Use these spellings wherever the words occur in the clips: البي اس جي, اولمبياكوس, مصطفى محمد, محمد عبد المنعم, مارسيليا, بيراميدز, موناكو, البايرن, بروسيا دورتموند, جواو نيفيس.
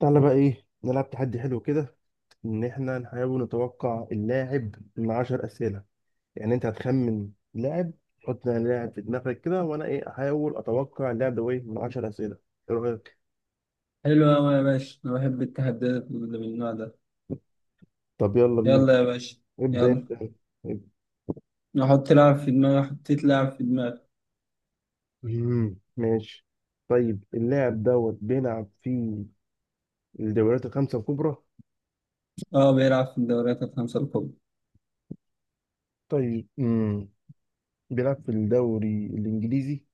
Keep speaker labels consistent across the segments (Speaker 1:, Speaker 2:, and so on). Speaker 1: تعالى بقى ايه؟ نلعب تحدي حلو كده، ان احنا نحاول نتوقع اللاعب من 10 اسئله. يعني انت هتخمن لاعب، تحط لاعب في دماغك كده، وانا ايه احاول اتوقع اللاعب ده ايه من 10 اسئله. ايه رايك؟
Speaker 2: حلو أوي يا باشا، أنا بحب التحديات اللي من النوع ده.
Speaker 1: طب يلا بينا.
Speaker 2: يلا يا باشا.
Speaker 1: ابدا
Speaker 2: يلا.
Speaker 1: انت. ابدأ.
Speaker 2: أحط لاعب في دماغي. حطيت لاعب في دماغي.
Speaker 1: ماشي. طيب اللاعب دوت بيلعب في الدوريات الخمسه الكبرى.
Speaker 2: أه بيلعب في الدوريات الخمسة الكبرى.
Speaker 1: طيب بيلعب في الدوري الانجليزي؟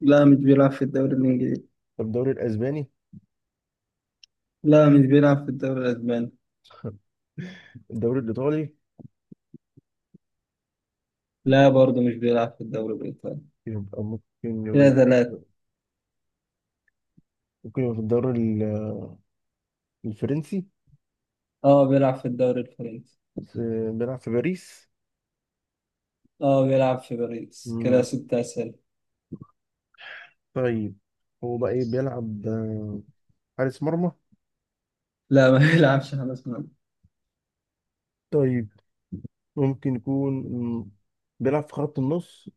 Speaker 2: لا مش بيلعب في الدوري الإنجليزي.
Speaker 1: طب الدوري الاسباني؟
Speaker 2: لا مش بيلعب في الدوري الأسباني.
Speaker 1: الدوري الايطالي؟
Speaker 2: لا برضه مش بيلعب في الدوري الإيطالي.
Speaker 1: يبقى
Speaker 2: كده ثلاثة.
Speaker 1: ممكن يبقى في الدوري الفرنسي.
Speaker 2: أه بيلعب في الدوري الفرنسي.
Speaker 1: بس- بيلعب في باريس.
Speaker 2: أه بيلعب في باريس، كده
Speaker 1: مم.
Speaker 2: ستة أسئلة.
Speaker 1: طيب، هو بقى ايه بيلعب؟ حارس مرمى؟
Speaker 2: لا ما بيلعبش حارس مرمى.
Speaker 1: طيب ممكن يكون، بيلعب في خط النص؟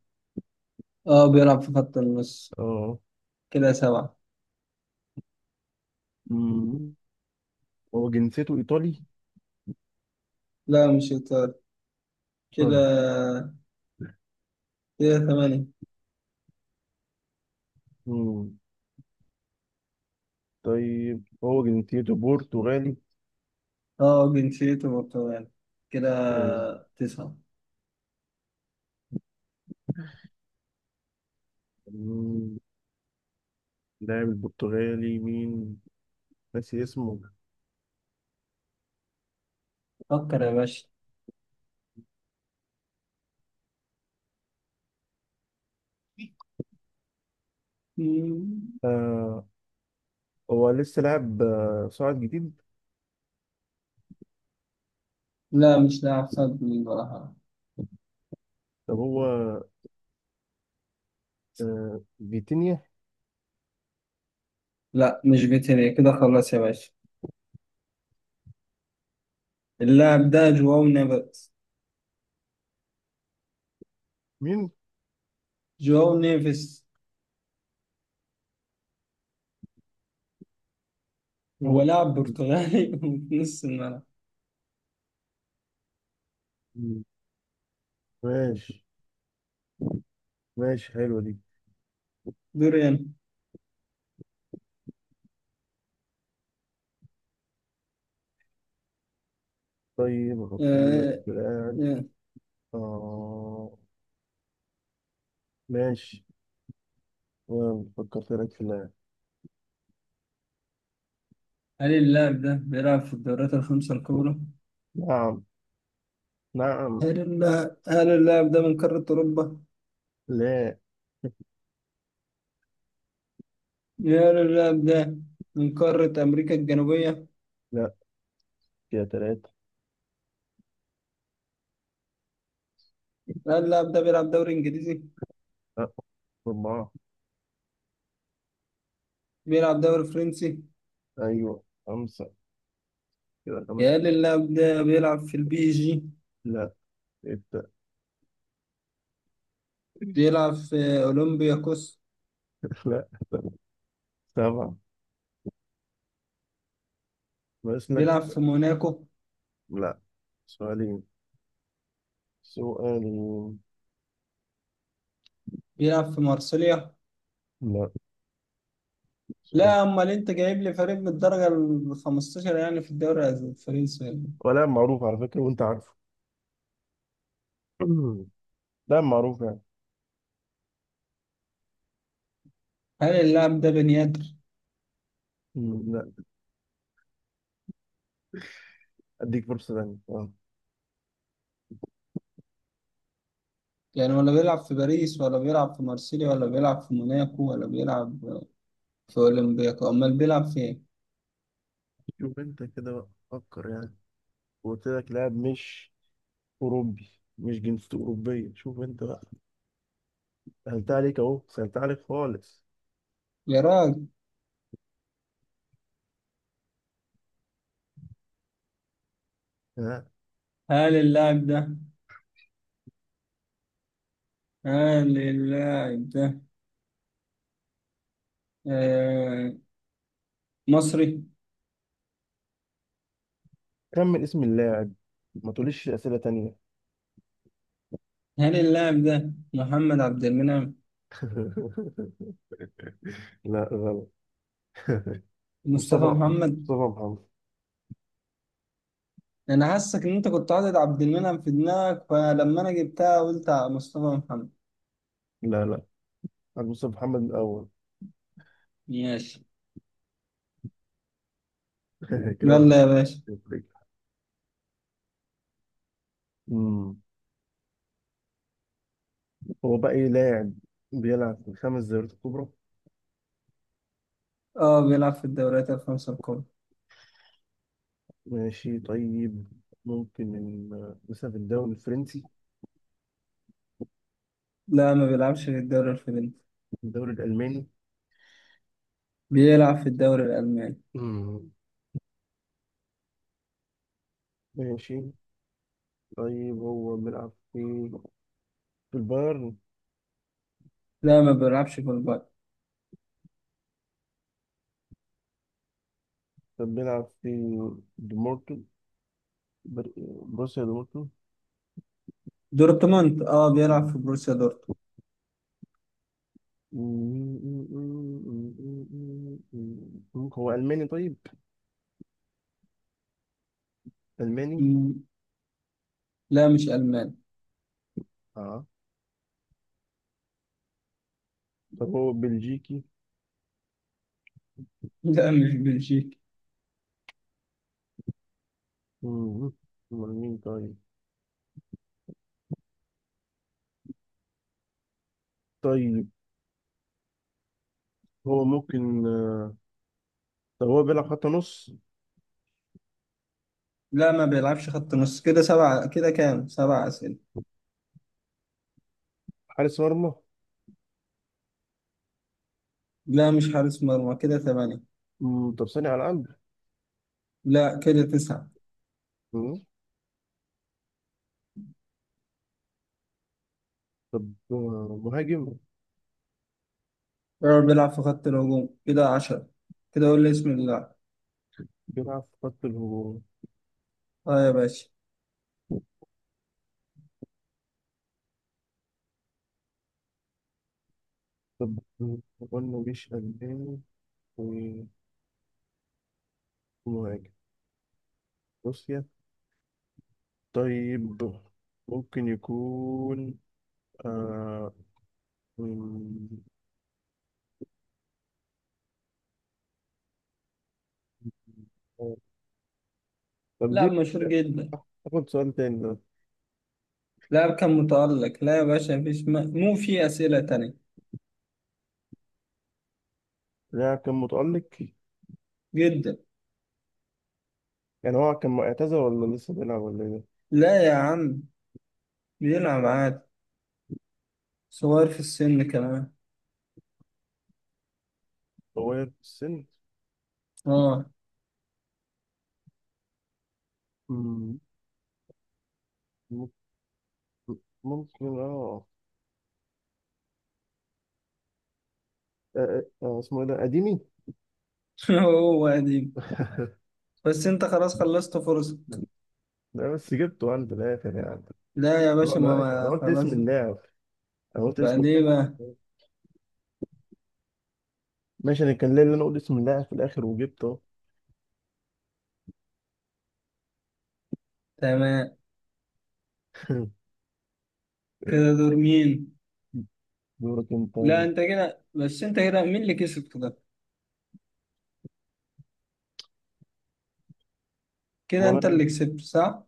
Speaker 2: أه بيلعب في خط النص،
Speaker 1: اه.
Speaker 2: كده سبعة.
Speaker 1: مم. هو جنسيته ايطالي؟
Speaker 2: لا مش إيطالي كده.
Speaker 1: اه.
Speaker 2: كده ثمانية.
Speaker 1: مم. طيب هو جنسيته برتغالي؟
Speaker 2: اه جنسيته برتغالي كده.
Speaker 1: مم.
Speaker 2: تسعة.
Speaker 1: مم. لاعب البرتغالي مين؟ ناسي اسمه.
Speaker 2: فكر يا
Speaker 1: مم.
Speaker 2: باشا. مم.
Speaker 1: آه. هو لسه لاعب صاعد جديد؟
Speaker 2: لا مش لاعب صد من ولا حاجة.
Speaker 1: طب هو آه. فيتينيا؟
Speaker 2: لا مش فيتينيا، كده خلاص يا باشا. اللاعب ده جواو نيفيس.
Speaker 1: مين؟
Speaker 2: جواو نيفيس هو لاعب برتغالي في نص الملعب.
Speaker 1: مم. ماشي. ماشي، حلوة دي.
Speaker 2: دوريان.
Speaker 1: طيب أفكر لك
Speaker 2: آه.
Speaker 1: في لاعب.
Speaker 2: آه.
Speaker 1: آه. ماشي. فكرت لك في لاعب.
Speaker 2: هل اللاعب ده بيلعب في الدوريات الخمسة الكبرى؟
Speaker 1: نعم، نعم.
Speaker 2: هل اللاعب ده من قارة أوروبا؟
Speaker 1: لا.
Speaker 2: هل اللاعب ده من قارة أمريكا الجنوبية؟
Speaker 1: لا، كده تلاتة.
Speaker 2: هل اللاعب ده بيلعب دوري إنجليزي؟
Speaker 1: لا، أربعة.
Speaker 2: بيلعب دوري فرنسي.
Speaker 1: أيوة، خمسة. كده
Speaker 2: يا
Speaker 1: خمسة.
Speaker 2: اللي اللاعب ده بيلعب في البي اس جي.
Speaker 1: لا، ستة.
Speaker 2: بيلعب في اولمبياكوس.
Speaker 1: لا، سبعة. بس لك.
Speaker 2: بيلعب في موناكو.
Speaker 1: لا، سؤالين. سؤالين.
Speaker 2: بيلعب في مارسيليا.
Speaker 1: لا، سؤال.
Speaker 2: لا امال انت جايب لي فريق من الدرجه ال 15 يعني في الدوري الفرنسي يعني.
Speaker 1: ولا معروف على فكرة، وأنت عارفه. لا معروف يعني.
Speaker 2: هل اللاعب ده بنيادر؟
Speaker 1: لا. أديك فرصة تانية آه.
Speaker 2: يعني ولا بيلعب في باريس، ولا بيلعب في مارسيليا، ولا بيلعب في موناكو، ولا بيلعب في اولمبياكو، امال بيلعب في ايه؟
Speaker 1: شوف أنت كده بقى، فكر يعني. وقلت لك لاعب مش أوروبي. مش جنسيته أوروبية، شوف أنت بقى. سهلت عليك أهو، سهلت عليك خالص.
Speaker 2: يا راجل.
Speaker 1: ها؟
Speaker 2: هل اللاعب ده هل اللاعب ده آه، مصري؟
Speaker 1: كمل اسم اللاعب. ما تقوليش أسئلة تانية.
Speaker 2: هل اللاعب ده محمد عبد المنعم؟
Speaker 1: لا، غلط.
Speaker 2: مصطفى
Speaker 1: مصطفى
Speaker 2: محمد.
Speaker 1: مصطفى محمد.
Speaker 2: انا حاسك ان انت كنت حاطط عبد المنعم في دماغك، فلما انا جبتها قلت على مصطفى محمد.
Speaker 1: لا لا، عن مصطفى محمد من الأول.
Speaker 2: ماشي.
Speaker 1: كده واحد
Speaker 2: يلا يا باشا.
Speaker 1: صفر. أمم. هو بقى إيه؟ لاعب بيلعب في الخمس دوريات الكبرى.
Speaker 2: اه بيلعب في الدوريات الخمسة الكبرى.
Speaker 1: ماشي طيب. ممكن من مثلا في الدوري الفرنسي؟
Speaker 2: لا ما بيلعبش في الدوري الفرنسي.
Speaker 1: الدوري الألماني؟
Speaker 2: بيلعب في الدوري الألماني.
Speaker 1: مم. ماشي. طيب هو بيلعب في البايرن؟
Speaker 2: لا ما بيلعبش في البايرن.
Speaker 1: كان بيلعب في دمورتو، بر- بروسيا دمورتو؟
Speaker 2: دورتموند، اه بيلعب في بروسيا دورتموند.
Speaker 1: هو ألماني طيب؟ ألماني؟
Speaker 2: مم. لا مش ألماني.
Speaker 1: اه. طب هو بلجيكي؟
Speaker 2: لا مش بلجيكي.
Speaker 1: مم. أمال مين طيب؟ طيب هو ممكن طب هو بيلعب خط نص؟
Speaker 2: لا ما بيلعبش خط نص، كده سبعة، كده كام؟ سبعة أسئلة.
Speaker 1: حارس مرمى؟
Speaker 2: لا مش حارس مرمى، كده ثمانية.
Speaker 1: طب صانع ألعاب؟
Speaker 2: لا، كده تسعة.
Speaker 1: مم، طب مهاجم؟
Speaker 2: بيراميدز، بيلعب في خط الهجوم، كده عشرة. كده قول لي اسم اللاعب.
Speaker 1: بيلعب في خط الهجوم.
Speaker 2: اه يا باشا.
Speaker 1: طب قلنا مش ألماني، ومهاجم. بص طيب، ممكن يكون آه... مم، طب
Speaker 2: لاعب
Speaker 1: دي
Speaker 2: مشهور جدا.
Speaker 1: آخد سؤال تاني ده.
Speaker 2: لاعب كان متألق. لا يا باشا، مفيش مو في أسئلة تانية.
Speaker 1: لا كان متألق.
Speaker 2: جدا.
Speaker 1: يعني هو كان معتزل ولا لسه بيلعب ولا ايه؟
Speaker 2: لا يا عم. بيلعب عادي. صغير في السن كمان.
Speaker 1: صغير في السن؟
Speaker 2: اه.
Speaker 1: مم، ممكن، ممكن اه. اسمه ايه ده؟ قديمي؟
Speaker 2: هو قديم بس انت خلاص خلصت فرصة.
Speaker 1: لا بس جبته عند الآخر يعني.
Speaker 2: لا يا
Speaker 1: طبعا
Speaker 2: باشا
Speaker 1: أنا قلت اسم
Speaker 2: خلاص.
Speaker 1: اللاعب. أنا قلت اسم
Speaker 2: بعد ايه
Speaker 1: اللاعب.
Speaker 2: بقى؟
Speaker 1: ماشي، أنا كان ليا اللي أنا أقول اسم اللاعب في الآخر وجبته.
Speaker 2: تمام. كده دور مين؟
Speaker 1: دورك أنت.
Speaker 2: لا انت كده، بس انت كده مين اللي كسب؟ كده كده انت
Speaker 1: وأنا
Speaker 2: اللي كسبت صح؟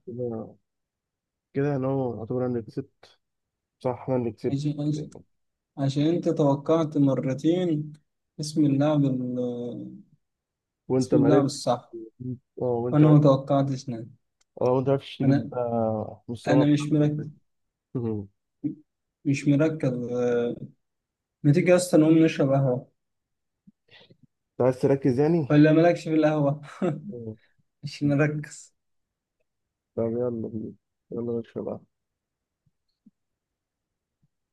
Speaker 1: كده، انا يعتبر انا اللي كسبت. صح، انا اللي كسبت.
Speaker 2: ماشي. عشان انت توقعت مرتين اسم
Speaker 1: وانت
Speaker 2: اسم اللاعب
Speaker 1: معرفت.
Speaker 2: الصح،
Speaker 1: اه، وانت
Speaker 2: وانا ما
Speaker 1: معرفت.
Speaker 2: توقعتش نادي.
Speaker 1: اه، وانت معرفتش
Speaker 2: انا
Speaker 1: تجيب مستوى
Speaker 2: انا مش
Speaker 1: أكتر.
Speaker 2: مركز.
Speaker 1: مم.
Speaker 2: مش مركز. ما تيجي اصلا نقوم نشرب قهوة؟
Speaker 1: انت عايز تركز يعني.
Speaker 2: ولا مالكش في القهوة؟
Speaker 1: مم.
Speaker 2: مش مركز
Speaker 1: طب يلا بينا، يلا نشرب قهوة.